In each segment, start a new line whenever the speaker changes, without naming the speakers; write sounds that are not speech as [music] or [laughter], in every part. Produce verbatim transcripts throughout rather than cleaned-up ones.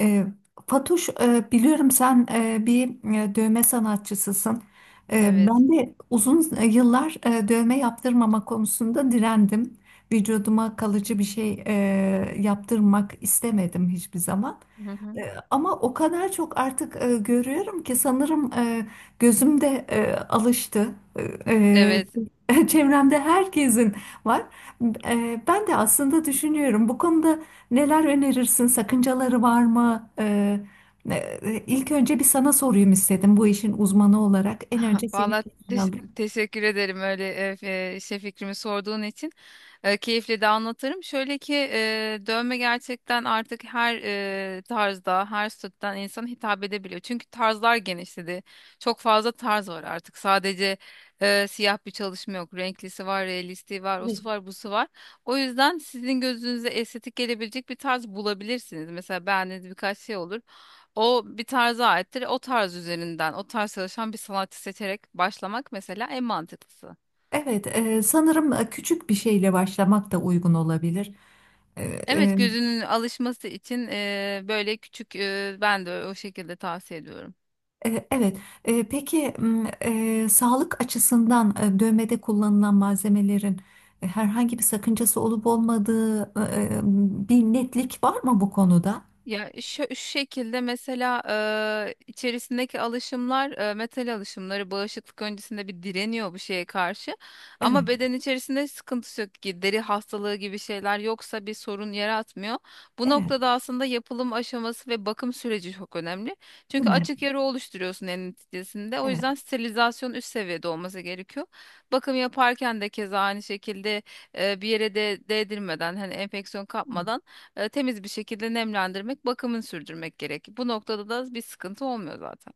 E, Fatoş, e, biliyorum sen e, bir e, dövme sanatçısısın. E,
Evet.
ben de uzun yıllar e, dövme yaptırmama konusunda direndim. Vücuduma kalıcı bir şey e, yaptırmak istemedim hiçbir zaman.
Hı hı.
E, Ama o kadar çok artık e, görüyorum ki sanırım e, gözüm de e, alıştı. E,
Evet.
e, [laughs] çevremde herkesin var. E, ben de aslında düşünüyorum, bu konuda neler önerirsin? Sakıncaları var mı? E, e, ilk önce bir sana sorayım istedim, bu işin uzmanı olarak. En
[laughs]
önce senin
Vallahi
fikrini
teş-
alayım.
teşekkür ederim öyle e, e, şey fikrimi sorduğun için. E, keyifle de anlatırım. Şöyle ki e, dövme gerçekten artık her e, tarzda, her statüden insan hitap edebiliyor. Çünkü tarzlar genişledi. Çok fazla tarz var artık. Sadece e, siyah bir çalışma yok. Renklisi var, realisti var, osu var, busu var. O yüzden sizin gözünüze estetik gelebilecek bir tarz bulabilirsiniz. Mesela beğendiğiniz birkaç şey olur. O bir tarza aittir. O tarz üzerinden, o tarz çalışan bir sanatçı seçerek başlamak mesela en mantıklısı.
Evet, e, sanırım e, küçük bir şeyle başlamak da uygun olabilir.
Evet,
E,
gözünün alışması için eee, böyle küçük, eee, ben de o şekilde tavsiye ediyorum.
E, Evet. E, Peki m, e, sağlık açısından e, dövmede kullanılan malzemelerin e, herhangi bir sakıncası olup olmadığı, e, e, bir netlik var mı bu konuda?
Ya şu, şu şekilde mesela eee, içerisindeki alışımlar, eee, metal alışımları bağışıklık öncesinde bir direniyor bu şeye karşı.
Evet,
Ama beden içerisinde sıkıntısı yok ki, deri hastalığı gibi şeyler yoksa bir sorun yaratmıyor. Bu
evet,
noktada aslında yapılım aşaması ve bakım süreci çok önemli.
değil
Çünkü
mi?
açık yara oluşturuyorsun en neticesinde. O
Evet.
yüzden sterilizasyon üst seviyede olması gerekiyor. Bakım yaparken de keza aynı şekilde eee, bir yere de değdirmeden, hani enfeksiyon kapmadan, e, temiz bir şekilde nemlendirmek, bakımını sürdürmek gerek. Bu noktada da bir sıkıntı olmuyor zaten.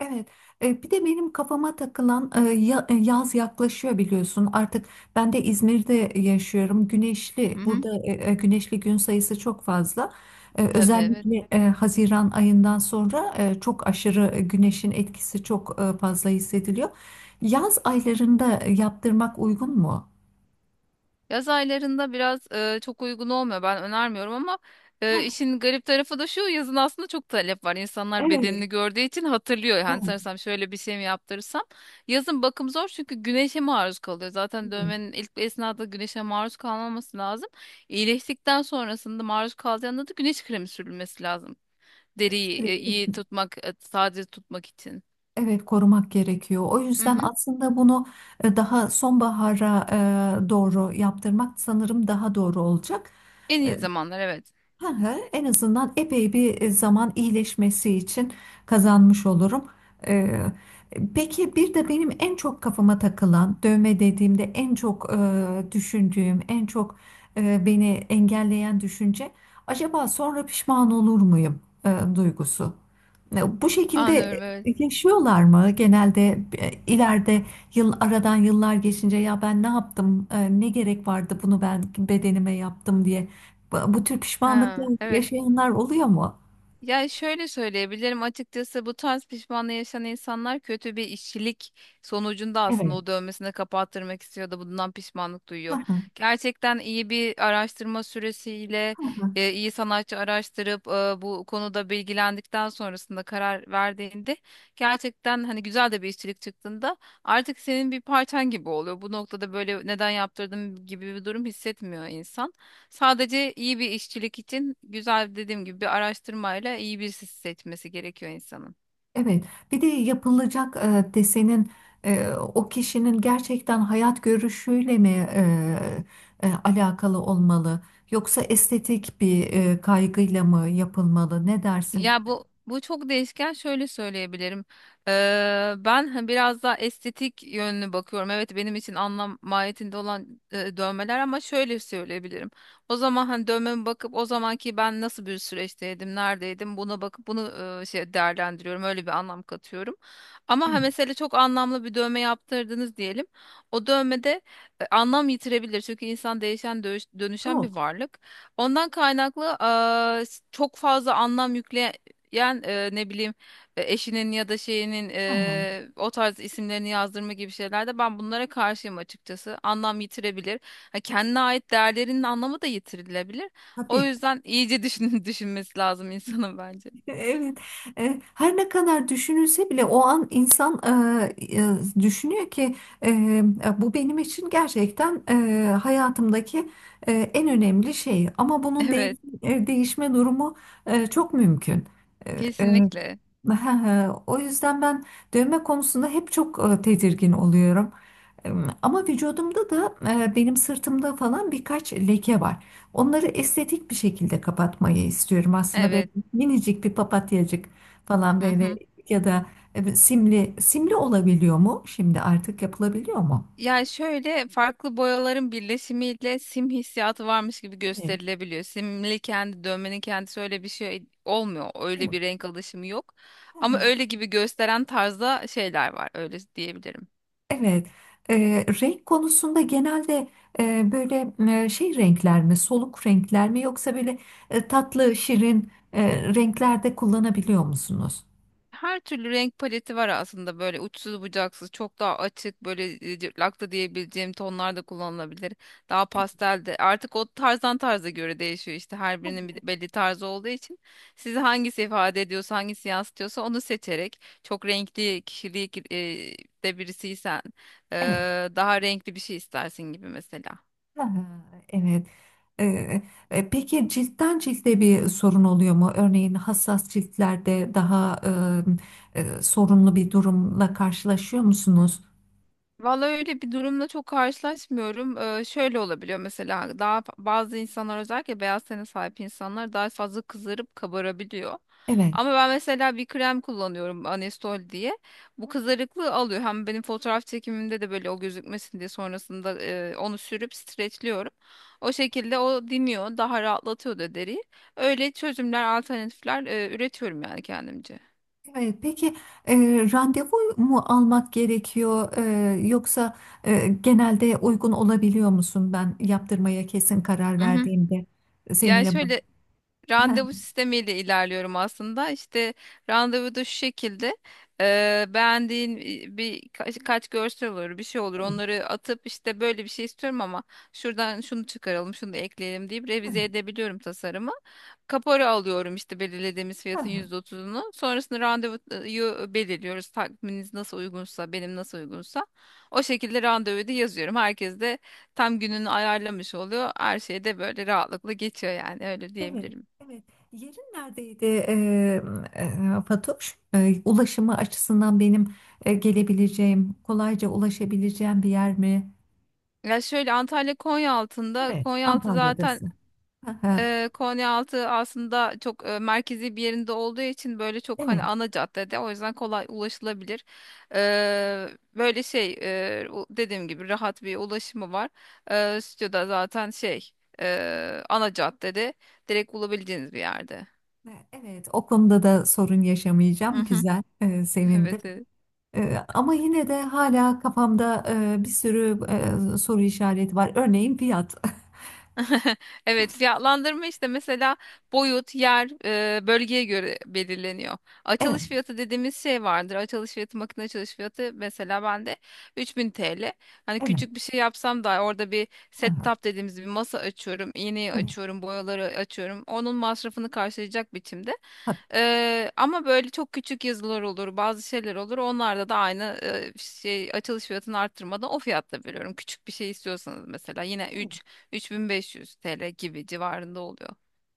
Evet, e, bir de benim kafama takılan, e, ya- e, yaz yaklaşıyor biliyorsun. Artık ben de İzmir'de yaşıyorum. Güneşli,
Hı hı,
burada e, e, güneşli gün sayısı çok fazla. E,
tabii evet.
Özellikle e, Haziran ayından sonra e, çok aşırı güneşin etkisi çok e, fazla hissediliyor. Yaz aylarında yaptırmak uygun mu?
Yaz aylarında biraz e, çok uygun olmuyor. Ben önermiyorum ama
Ha,
e, işin garip tarafı da şu, yazın aslında çok talep var. İnsanlar
evet,
bedenini gördüğü için hatırlıyor.
evet,
Hani sanırsam şöyle bir şey mi yaptırırsam. Yazın bakım zor, çünkü güneşe maruz kalıyor. Zaten dövmenin ilk esnada güneşe maruz kalmaması lazım. İyileştikten sonrasında maruz kalacağında da güneş kremi sürülmesi lazım. Deriyi
evet.
e, iyi tutmak, e, taze tutmak için.
Evet, korumak gerekiyor. O
Hı
yüzden
hı.
aslında bunu e, daha sonbahara e, doğru yaptırmak sanırım daha doğru olacak.
En iyi
E,
zamanlar, evet.
hı hı, en azından epey bir e, zaman iyileşmesi için kazanmış olurum. E, Peki, bir de benim en çok kafama takılan, dövme dediğimde en çok e, düşündüğüm, en çok e, beni engelleyen düşünce, acaba sonra pişman olur muyum e, duygusu. E, Bu şekilde
Anlıyorum, evet.
yaşıyorlar mı? Genelde e, ileride, yıl aradan yıllar geçince, ya ben ne yaptım? E, Ne gerek vardı bunu ben bedenime yaptım diye. Bu bu tür pişmanlıklar
Ha, evet.
yaşayanlar oluyor mu?
Yani şöyle söyleyebilirim, açıkçası bu tarz pişmanlığı yaşayan insanlar kötü bir işçilik sonucunda aslında
Evet.
o dövmesini kapattırmak istiyor da bundan pişmanlık
Hı
duyuyor.
hı,
Gerçekten iyi bir araştırma süresiyle,
hı.
e, iyi sanatçı araştırıp e, bu konuda bilgilendikten sonrasında karar verdiğinde, gerçekten hani güzel de bir işçilik çıktığında artık senin bir parçan gibi oluyor. Bu noktada böyle neden yaptırdım gibi bir durum hissetmiyor insan. Sadece iyi bir işçilik için, güzel dediğim gibi, bir araştırmayla iyi birisi seçmesi gerekiyor insanın.
Evet. Bir de yapılacak e, desenin e, o kişinin gerçekten hayat görüşüyle mi e, e, alakalı olmalı? Yoksa estetik bir e, kaygıyla mı yapılmalı? Ne dersin?
Ya bu bu çok değişken, şöyle söyleyebilirim. Ee, ben hani biraz daha estetik yönünü bakıyorum. Evet, benim için anlam mahiyetinde olan e, dövmeler, ama şöyle söyleyebilirim. O zaman hani dövmeme bakıp, o zamanki ben nasıl bir süreçteydim, neredeydim, buna bakıp bunu e, şey değerlendiriyorum. Öyle bir anlam katıyorum. Ama
Evet,
ha, mesela çok anlamlı bir dövme yaptırdınız diyelim. O dövmede e, anlam yitirebilir. Çünkü insan değişen, dönüş- dönüşen bir
çok.
varlık. Ondan kaynaklı eee, s- çok fazla anlam yükleyen, eee, ne bileyim, e, eşinin ya da şeyinin
Hı hı,
eee, o tarz isimlerini yazdırma gibi şeylerde ben bunlara karşıyım açıkçası. Anlam yitirebilir. Ha, kendine ait değerlerinin anlamı da yitirilebilir. O
tabii.
yüzden iyice düşün [laughs] düşünmesi lazım insanın bence.
Evet. E, her ne kadar düşünülse bile, o an insan e, e, düşünüyor ki e, e, bu benim için gerçekten e, hayatımdaki e, en önemli şey. Ama bunun değiş-
Evet,
e, değişme durumu e, çok mümkün. E, e,
kesinlikle.
[laughs] O yüzden ben dövme konusunda hep çok e, tedirgin oluyorum. E, Ama vücudumda da, e, benim sırtımda falan birkaç leke var. Onları estetik bir şekilde kapatmayı istiyorum aslında.
Evet.
Minicik bir papatyacık falan,
Hı
böyle
hı.
ya da e, simli simli olabiliyor mu? Şimdi artık yapılabiliyor mu?
Yani şöyle, farklı boyaların birleşimiyle sim hissiyatı varmış gibi
Evet.
gösterilebiliyor. Simli, kendi dövmenin kendisi öyle bir şey olmuyor. Öyle
Evet.
bir renk alışımı yok.
Hı
Ama
hı.
öyle gibi gösteren tarzda şeyler var. Öyle diyebilirim.
Evet. Ee, renk konusunda genelde e, böyle e, şey renkler mi, soluk renkler mi, yoksa böyle e, tatlı, şirin e, renkler kullanabiliyor musunuz?
Her türlü renk paleti var aslında, böyle uçsuz bucaksız. Çok daha açık, böyle e, cırtlak da diyebileceğim tonlar da kullanılabilir. Daha pastel de artık, o tarzdan tarza göre değişiyor işte, her birinin bir belli tarzı olduğu için. Sizi hangisi ifade ediyorsa, hangisi yansıtıyorsa onu seçerek. Çok renkli kişilik e, de birisiysen, e,
Evet.
daha renkli bir şey istersin gibi mesela.
Aha, evet. Ee, e, peki, ciltten cilde bir sorun oluyor mu? Örneğin hassas ciltlerde daha e, e, sorunlu bir durumla karşılaşıyor musunuz?
Vallahi öyle bir durumla çok karşılaşmıyorum. Ee, şöyle olabiliyor mesela, daha fa- bazı insanlar, özellikle beyaz tene sahip insanlar daha fazla kızarıp kabarabiliyor.
Evet.
Ama ben mesela bir krem kullanıyorum, Anestol diye. Bu kızarıklığı alıyor. Hem benim fotoğraf çekimimde de böyle o gözükmesin diye, sonrasında e, onu sürüp streçliyorum. O şekilde o diniyor, daha rahatlatıyor da deriyi. Öyle çözümler, alternatifler e, üretiyorum yani kendimce.
Evet. Peki, e, randevu mu almak gerekiyor, E, yoksa e, genelde uygun olabiliyor musun? Ben yaptırmaya kesin karar
Hı hı.
verdiğimde
Yani
seninle.
şöyle, randevu sistemiyle ilerliyorum aslında. İşte randevu da şu şekilde, eee, beğendiğin bir bir kaç, kaç görsel olur, bir şey olur, onları atıp işte böyle bir şey istiyorum ama şuradan şunu çıkaralım, şunu da ekleyelim deyip revize
[laughs]
edebiliyorum tasarımı. Kapora alıyorum, işte belirlediğimiz fiyatın
bu-
yüzde otuzunu. Sonrasında randevuyu belirliyoruz. Takviminiz nasıl uygunsa, benim nasıl uygunsa o şekilde randevuyu da yazıyorum. Herkes de tam gününü ayarlamış oluyor. Her şey de böyle rahatlıkla geçiyor, yani öyle
Evet,
diyebilirim.
evet. Yerin neredeydi, e, e, Fatoş? E, ulaşımı açısından benim e, gelebileceğim, kolayca ulaşabileceğim bir yer mi?
Ya şöyle, Antalya Konyaaltı'nda.
Evet.
Konyaaltı zaten,
Antalya'dasın. Hı hı.
e, Konyaaltı aslında çok e, merkezi bir yerinde olduğu için, böyle çok
Evet.
hani ana caddede, o yüzden kolay ulaşılabilir. E, böyle şey, e, u- dediğim gibi rahat bir ulaşımı var. E, stüdyoda zaten şey e, ana caddede, direkt bulabileceğiniz bir yerde.
E, Evet, o konuda da sorun
Hı
yaşamayacağım.
hı.
Güzel, e,
[laughs]
sevindim.
Evet. Evet.
E, ama yine de hala kafamda e, bir sürü e, soru işareti var. Örneğin fiyat. [laughs]
Evet, fiyatlandırma işte, mesela boyut, yer, e, bölgeye göre belirleniyor.
Evet.
Açılış fiyatı dediğimiz şey vardır. Açılış fiyatı, makine açılış fiyatı, mesela bende üç bin T L. Hani
Evet.
küçük bir şey yapsam da, orada bir
Hı hı.
setup dediğimiz bir masa açıyorum, iğneyi
Evet,
açıyorum, boyaları açıyorum. Onun masrafını karşılayacak biçimde.
evet.
Eee, ama böyle çok küçük yazılar olur, bazı şeyler olur. Onlarda da aynı, eee, şey açılış fiyatını arttırmadan o fiyatta veriyorum. Küçük bir şey istiyorsanız mesela, yine
Tabii.
üç 3500 T L gibi civarında oluyor.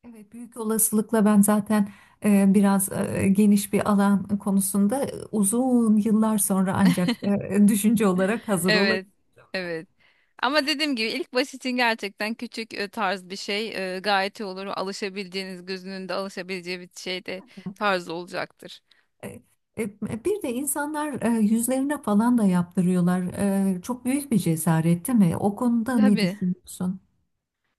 Evet, büyük olasılıkla ben zaten e, biraz e, geniş bir alan konusunda e, uzun yıllar sonra ancak e, düşünce olarak hazır
Evet,
olabilirim.
evet. Ama dediğim gibi, ilk baş için gerçekten küçük e, tarz bir şey e, gayet iyi olur. Alışabileceğiniz, gözünün de alışabileceği bir şey de tarz olacaktır.
E, e, Bir de insanlar e, yüzlerine falan da yaptırıyorlar. E, çok büyük bir cesaret, değil mi? O konuda ne
Tabii.
düşünüyorsun?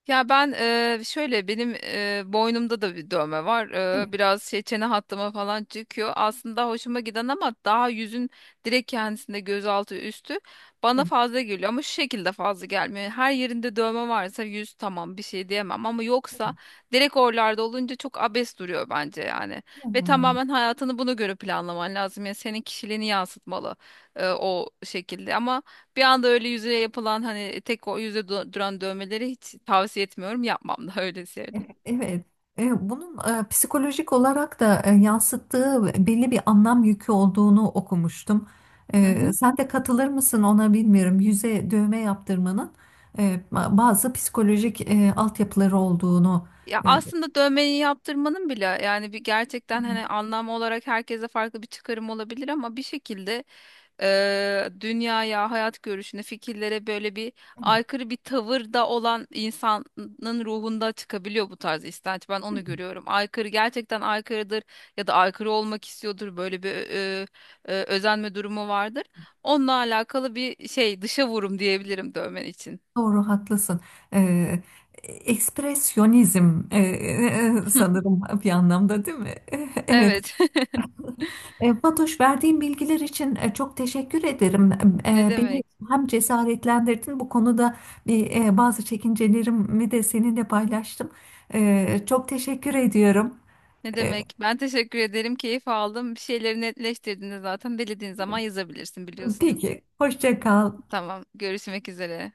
Ya ben eee, şöyle, benim eee, boynumda da bir dövme var.
Evet,
Eee, biraz şey çene hattıma falan çıkıyor. Aslında hoşuma giden, ama daha yüzün direkt kendisinde, gözaltı üstü bana fazla geliyor, ama şu şekilde fazla gelmiyor. Yani her yerinde dövme varsa yüz, tamam, bir şey diyemem, ama yoksa direkt oralarda olunca çok abes duruyor bence yani. Ve
evet.
tamamen hayatını buna göre planlaman lazım. Yani senin kişiliğini yansıtmalı eee, o şekilde, ama bir anda öyle yüzeye yapılan, hani tek o yüze du- duran dövmeleri hiç tavsiye etmiyorum. Yapmam da [laughs] öyle söyleyeyim.
Evet, e, bunun e, psikolojik olarak da e, yansıttığı belli bir anlam yükü olduğunu okumuştum.
Hı
E,
hı.
sen de katılır mısın ona bilmiyorum. Yüze dövme yaptırmanın e, ba- bazı psikolojik e, altyapıları olduğunu.
Ya
e,
aslında dövmeyi yaptırmanın bile, yani bir gerçekten hani anlam olarak herkese farklı bir çıkarım olabilir, ama bir şekilde e, dünyaya, hayat görüşüne, fikirlere böyle bir
evet,
aykırı bir tavırda olan insanın ruhunda çıkabiliyor bu tarz istenç. Ben onu görüyorum. Aykırı gerçekten aykırıdır, ya da aykırı olmak istiyordur. Böyle bir e, e, özenme durumu vardır. Onunla alakalı bir şey, dışa vurum diyebilirim dövmen için.
doğru, haklısın. E, Ekspresyonizm, e, e, e, sanırım bir anlamda, değil mi? [laughs] Evet.
Evet. [laughs]
E, Fatoş, verdiğin bilgiler için e, çok teşekkür ederim.
Ne
E, Beni
demek?
hem cesaretlendirdin bu konuda, bir, e, bazı çekincelerimi de seninle paylaştım. E, Çok teşekkür ediyorum.
Ne
E,
demek? Ben teşekkür ederim. Keyif aldım. Bir şeyleri netleştirdiğinde, zaten belediğin zaman yazabilirsin, biliyorsun.
Peki, hoşça kal.
Tamam. Görüşmek üzere.